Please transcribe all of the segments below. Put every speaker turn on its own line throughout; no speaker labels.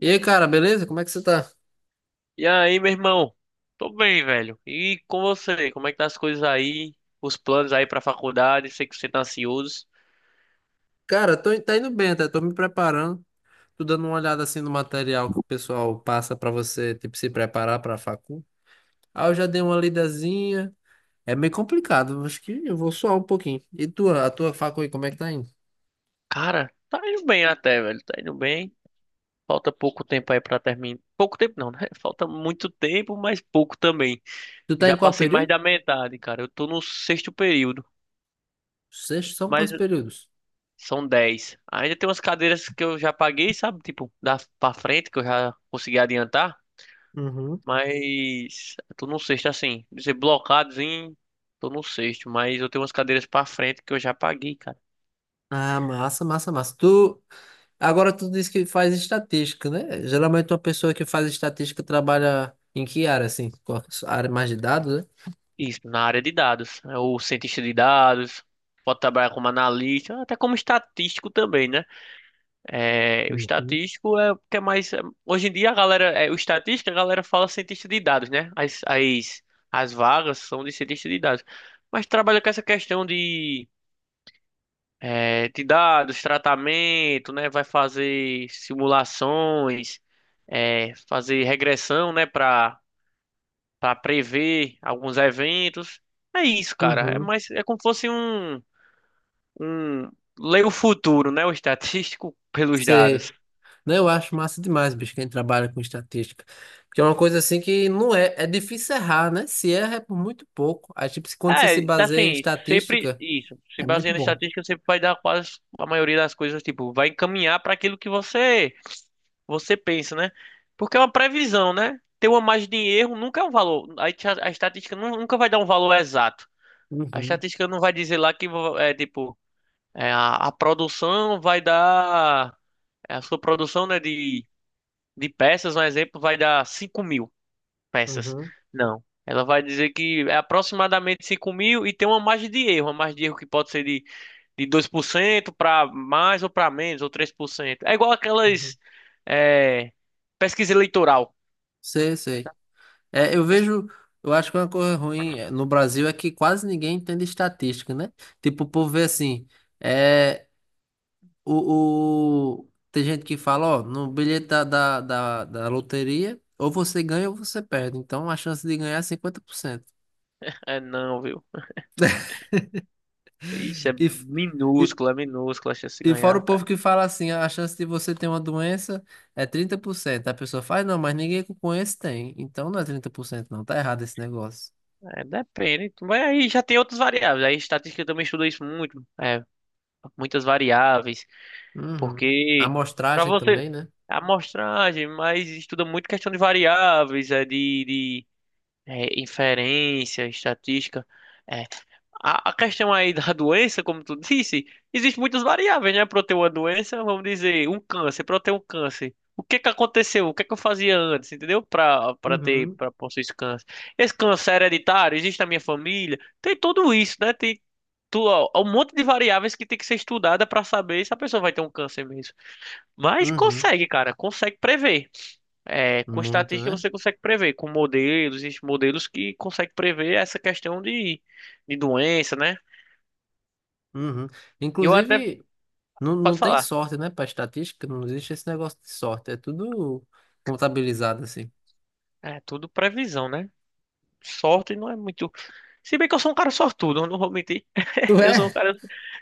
E aí, cara, beleza? Como é que você tá?
E aí, meu irmão? Tô bem, velho. E com você? Como é que tá as coisas aí? Os planos aí pra faculdade? Sei que você tá ansioso.
Cara, tô, tá indo bem, tá? Tô me preparando. Tô dando uma olhada assim no material que o pessoal passa pra você, tipo, se preparar pra facu. Ah, eu já dei uma lidazinha. É meio complicado, acho que eu vou suar um pouquinho. E tua, a tua facu aí, como é que tá indo?
Cara, tá indo bem até, velho. Tá indo bem. Falta pouco tempo aí pra terminar. Pouco tempo não, né? Falta muito tempo, mas pouco também.
Tu tá em
Já
qual
passei mais
período?
da metade, cara. Eu tô no sexto período,
Sexto, são
mas
quantos períodos?
são 10. Ainda tem umas cadeiras que eu já paguei, sabe? Tipo, da pra frente que eu já consegui adiantar.
Uhum.
Mas eu tô no sexto, assim, dizer blocados em. Tô no sexto, mas eu tenho umas cadeiras pra frente que eu já paguei, cara.
Ah, massa, massa, massa. Tu, agora tu disse que faz estatística, né? Geralmente uma pessoa que faz estatística trabalha em que área, assim? Qual- a área mais de dados, né?
Isso, na área de dados. É o cientista de dados, pode trabalhar como analista, até como estatístico também, né? É, o
Uhum,
estatístico é o que é mais. Hoje em dia a galera. É, o estatístico, a galera fala cientista de dados, né? As vagas são de cientista de dados. Mas trabalha com essa questão de de dados, tratamento, né? Vai fazer simulações, fazer regressão, né? Para prever alguns eventos. É isso, cara. É
uhum.
mais é como se fosse um ler o futuro, né? O estatístico pelos dados.
Sei. Não, eu acho massa demais, bicho, quem trabalha com estatística. Porque é uma coisa assim que não é. É difícil errar, né? Se erra é por muito pouco. Aí, tipo, se- quando você se
É, tá
baseia em
assim, sempre
estatística,
isso. Se
é muito
baseando em
bom.
estatística, sempre vai dar quase a maioria das coisas, tipo, vai encaminhar para aquilo que você pensa, né? Porque é uma previsão, né? Ter uma margem de erro nunca é um valor. A estatística nunca vai dar um valor exato. A
Uhum,
estatística não vai dizer lá que é tipo é, a produção vai dar é, a sua produção, né, de peças, um exemplo, vai dar 5.000 peças.
uhum,
Não. Ela vai dizer que é aproximadamente 5.000 e tem uma margem de erro. Uma margem de erro que pode ser de 2% para mais ou para menos, ou 3%. É igual
uhum.
aquelas é, pesquisa eleitoral.
Sei, sei. É, eu vejo. Eu acho que é uma coisa ruim no Brasil é que quase ninguém entende estatística, né? Tipo, o povo vê assim. é, o- Tem gente que fala, ó, no bilhete da loteria, ou você ganha ou você perde. Então a chance de ganhar é 50%.
É não, viu? Isso
E, f- e,
é minúscula a chance de
e fora o
ganhar,
povo
cara.
que fala assim, "Ah, a chance de você ter uma doença é 30%. A pessoa faz, não, mas ninguém que eu conheço tem. Então não é 30% não. Tá errado esse negócio.
É, depende. Mas aí já tem outras variáveis. Aí estatística também estuda isso muito. É, muitas variáveis.
Uhum.
Porque pra
Amostragem
você.
também, né?
A amostragem, mas estuda muito questão de variáveis, inferência, estatística. É, a questão aí da doença, como tu disse, existe muitas variáveis, né? Para eu ter uma doença, vamos dizer, um câncer, para eu ter um câncer. O que que aconteceu? O que que eu fazia antes, entendeu? Para ter,
Uhum.
para possuir esse câncer. Esse câncer é hereditário, existe na minha família, tem tudo isso, né? Tem tu, ó, um monte de variáveis que tem que ser estudada para saber se a pessoa vai ter um câncer mesmo. Mas
Uhum.
consegue, cara, consegue prever. É, com
Muito,
estatística
né?
você consegue prever, com modelos, existem modelos que conseguem prever essa questão de doença, né?
Uhum.
E eu até,
Inclusive. Não, não
pode
tem
falar,
sorte, né? Pra estatística, não existe esse negócio de sorte. É tudo contabilizado, assim.
é tudo previsão, né? Sorte não é muito. Se bem que eu sou um cara sortudo, eu não vou mentir.
Tu
Eu sou um
é?
cara,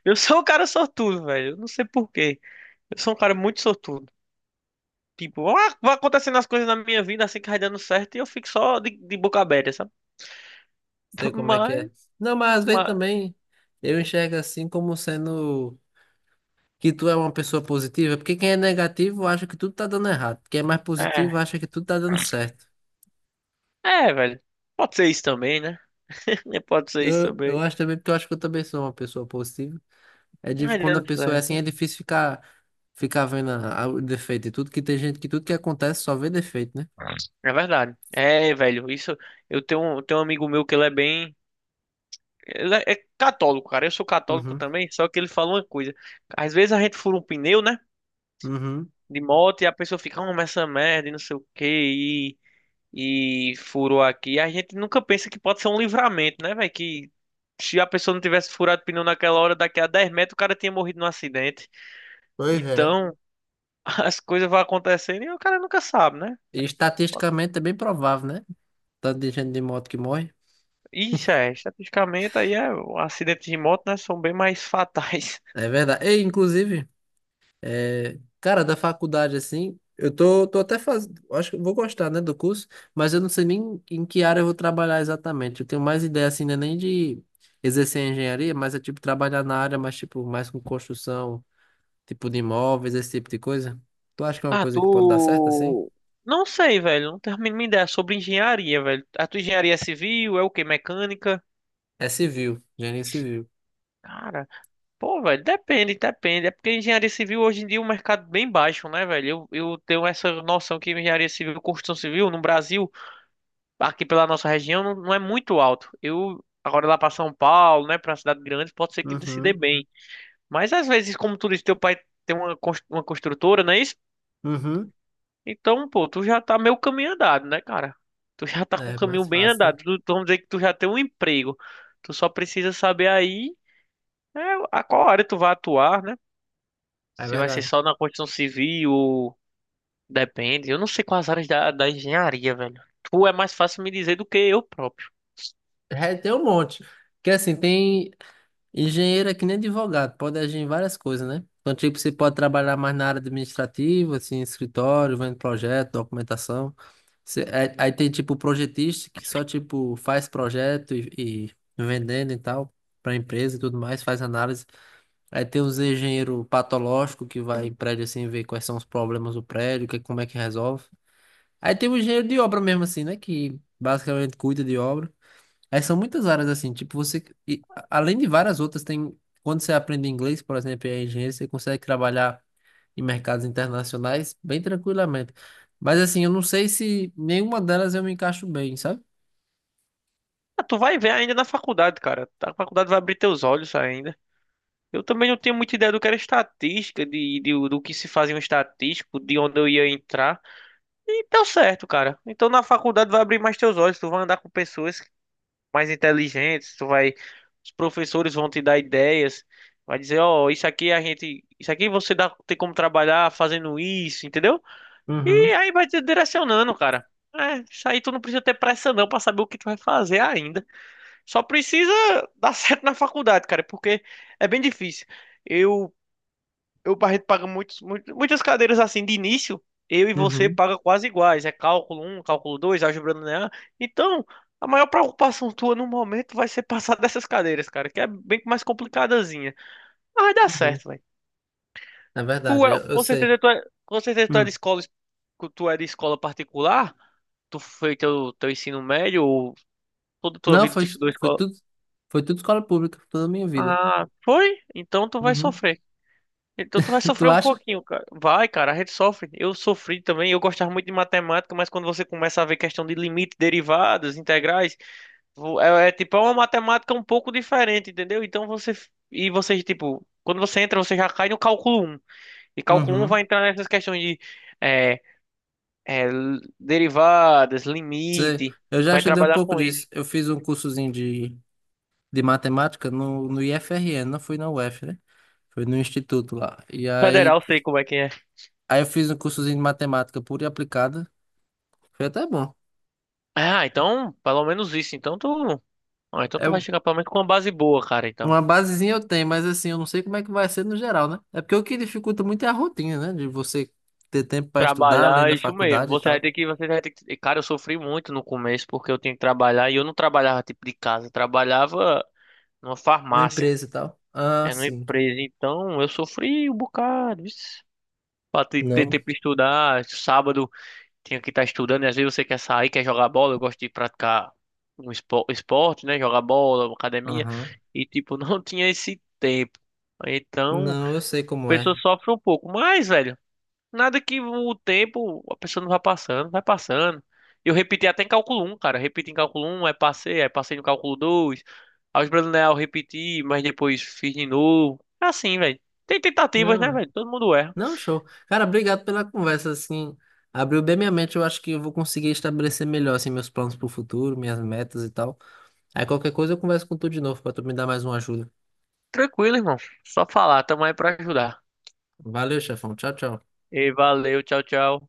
eu sou um cara sortudo, velho. Eu não sei por quê. Eu sou um cara muito sortudo. Tipo, ah, vai acontecendo as coisas na minha vida assim que vai dando certo e eu fico só de boca aberta, sabe?
Sei como é que
Mas,
é. Não, mas às vezes
mas,
também eu enxergo assim como sendo que tu é uma pessoa positiva, porque quem é negativo acha que tudo tá dando errado. Quem é mais positivo
é.
acha que tudo tá dando certo.
É, velho. Pode ser isso também, né? Pode ser isso
Eu
também.
acho também, porque eu acho que eu também sou uma pessoa positiva. É difícil
Ai,
quando a
dando
pessoa é assim,
certo.
é difícil ficar, ficar vendo a- o defeito e tudo, que tem gente que tudo que acontece só vê defeito, né?
É verdade. É, velho, isso. Tenho um amigo meu que ele é bem. Ele é católico, cara. Eu sou católico
Uhum,
também, só que ele fala uma coisa. Às vezes a gente fura um pneu, né?
uhum.
De moto e a pessoa fica, ah, mas essa merda e não sei o quê, e furou aqui. A gente nunca pensa que pode ser um livramento, né, velho? Que se a pessoa não tivesse furado o pneu naquela hora, daqui a 10 metros o cara tinha morrido num acidente.
Pois é.
Então, as coisas vão acontecendo e o cara nunca sabe, né?
E estatisticamente é bem provável, né? Tanto de gente de moto que morre.
Isso é, estatisticamente aí é, acidentes de moto, né, são bem mais fatais.
É verdade. E, inclusive, cara, da faculdade, assim, eu tô, tô até fazendo. Acho que eu vou gostar, né, do curso, mas eu não sei nem em que área eu vou trabalhar exatamente. Eu tenho mais ideia, assim, né, nem de exercer engenharia, mas é tipo trabalhar na área, mas tipo, mais com construção, tipo de imóveis, esse tipo de coisa. Tu acha que é uma
Ah.
coisa que pode dar certo, assim?
Não sei, velho, não tenho a mínima ideia sobre engenharia, velho. A tua engenharia civil é o quê? Mecânica?
É civil, engenharia civil.
Cara, pô, velho, depende, depende. É porque engenharia civil hoje em dia é um mercado é bem baixo, né, velho? Eu tenho essa noção que engenharia civil, construção civil no Brasil, aqui pela nossa região, não, não é muito alto. Eu, agora lá pra São Paulo, né, pra cidade grande, pode ser que se dê
Uhum,
bem. Mas às vezes, como tu disse, teu pai tem uma construtora, não é isso?
uhum.
Então, pô, tu já tá meio caminho andado, né, cara? Tu já tá com o
É
caminho
mais
bem
fácil, né?
andado. Vamos dizer que tu já tem um emprego. Tu só precisa saber aí, né, a qual área tu vai atuar, né?
É
Se vai ser
verdade.
só na construção civil, depende. Eu não sei quais áreas da engenharia, velho. Tu é mais fácil me dizer do que eu próprio.
É, tem um monte. Porque assim, tem engenheiro é que nem advogado, pode agir em várias coisas, né? Então, tipo, você pode trabalhar mais na área administrativa, assim, escritório, vendo projeto, documentação. Você- é- aí tem, tipo, projetista que só, tipo, faz projeto e vendendo e tal, para empresa e tudo mais, faz análise. Aí tem os engenheiro patológico que vai em prédio, assim, ver quais são os problemas do prédio, que, como é que resolve. Aí tem o engenheiro de obra mesmo, assim, né? Que basicamente cuida de obra. É, são muitas áreas assim, tipo, você, a- além de várias outras, tem, quando você aprende inglês, por exemplo, e é engenheiro, você consegue trabalhar em mercados internacionais bem tranquilamente. Mas assim, eu não sei se nenhuma delas eu me encaixo bem, sabe?
Ah, tu vai ver ainda na faculdade, cara. A faculdade vai abrir teus olhos ainda. Eu também não tenho muita ideia do que era estatística, do que se fazia um estatístico, de onde eu ia entrar. E deu certo, cara. Então na faculdade vai abrir mais teus olhos, tu vai andar com pessoas mais inteligentes, tu vai, os professores vão te dar ideias, vai dizer, ó, isso aqui a gente, isso aqui você dá, tem como trabalhar fazendo isso, entendeu? E
Uhum,
aí vai te direcionando, cara. É, isso aí tu não precisa ter pressa não pra saber o que tu vai fazer ainda. Só precisa dar certo na faculdade, cara, porque é bem difícil. Eu eu e o Barreto paga muitas cadeiras assim de início, eu e você
uhum,
paga quase iguais. É cálculo um cálculo 2 álgebra linear. Então, a maior preocupação tua no momento vai ser passar dessas cadeiras, cara, que é bem mais complicadazinha. Mas vai dar
uhum.
certo, velho.
É
Tu
verdade,
é,
eu
com
sei.
certeza tu é, com certeza tu é
Hum.
de escola particular? Tu fez teu ensino médio ou toda tua
Não,
vida
foi,
tu estudou
foi
escola?
tudo, foi tudo escola pública, toda a minha vida.
Ah, foi? Então tu vai
Uhum.
sofrer. Então tu vai sofrer
Tu
um
acha?
pouquinho, cara. Vai, cara, a gente sofre. Eu sofri também, eu gostava muito de matemática, mas quando você começa a ver questão de limite, derivadas, integrais. É tipo uma matemática um pouco diferente, entendeu? Então você tipo, quando você entra, você já cai no cálculo um. E cálculo um
Uhum.
vai entrar nessas questões de é, derivadas,
Sei.
limite,
Eu já
vai
estudei um
trabalhar
pouco
com isso.
disso. Eu fiz um cursozinho de matemática no, no IFRN, não foi na UF, né? Foi no instituto lá. E aí,
Federal, sei como é que é.
aí eu fiz um cursozinho de matemática pura e aplicada. Foi até bom.
Ah, então, pelo menos isso. Então tu, ah, então
É
tu vai
um-
chegar pelo menos com uma base boa, cara, então.
uma basezinha eu tenho, mas assim, eu não sei como é que vai ser no geral, né? É porque o que dificulta muito é a rotina, né? De você ter tempo para estudar além
Trabalhar, é
da
isso mesmo.
faculdade e
Você vai
tal,
ter que, você vai ter que. Cara, eu sofri muito no começo porque eu tinha que trabalhar e eu não trabalhava tipo de casa, eu trabalhava numa
numa
farmácia,
empresa e tal. Ah,
é numa
sim.
empresa. Então eu sofri um bocado, vixe. Pra ter
Não.
tempo de estudar, sábado tinha que estar estudando, e às vezes você quer sair, quer jogar bola, eu gosto de praticar um esporte, né? Jogar bola, academia,
Aham.
e tipo, não tinha esse tempo. Então, a
Não, eu sei como
pessoa
é.
sofre um pouco, mas, velho. Nada que o tempo, a pessoa não vai passando, vai passando. Eu repeti até em cálculo um cara. Repeti em cálculo um aí passei no cálculo dois. Álgebra linear eu repeti, mas depois fiz de novo. É assim, velho. Tem tentativas, né,
Não,
velho? Todo mundo erra.
Não, show. Cara, obrigado pela conversa, assim, abriu bem minha mente, eu acho que eu vou conseguir estabelecer melhor, assim, meus planos pro futuro, minhas metas e tal. Aí qualquer coisa eu converso com tu de novo, pra tu me dar mais uma ajuda.
Tranquilo, irmão. Só falar, tamo aí pra ajudar.
Valeu, chefão. Tchau, tchau.
E valeu, tchau, tchau.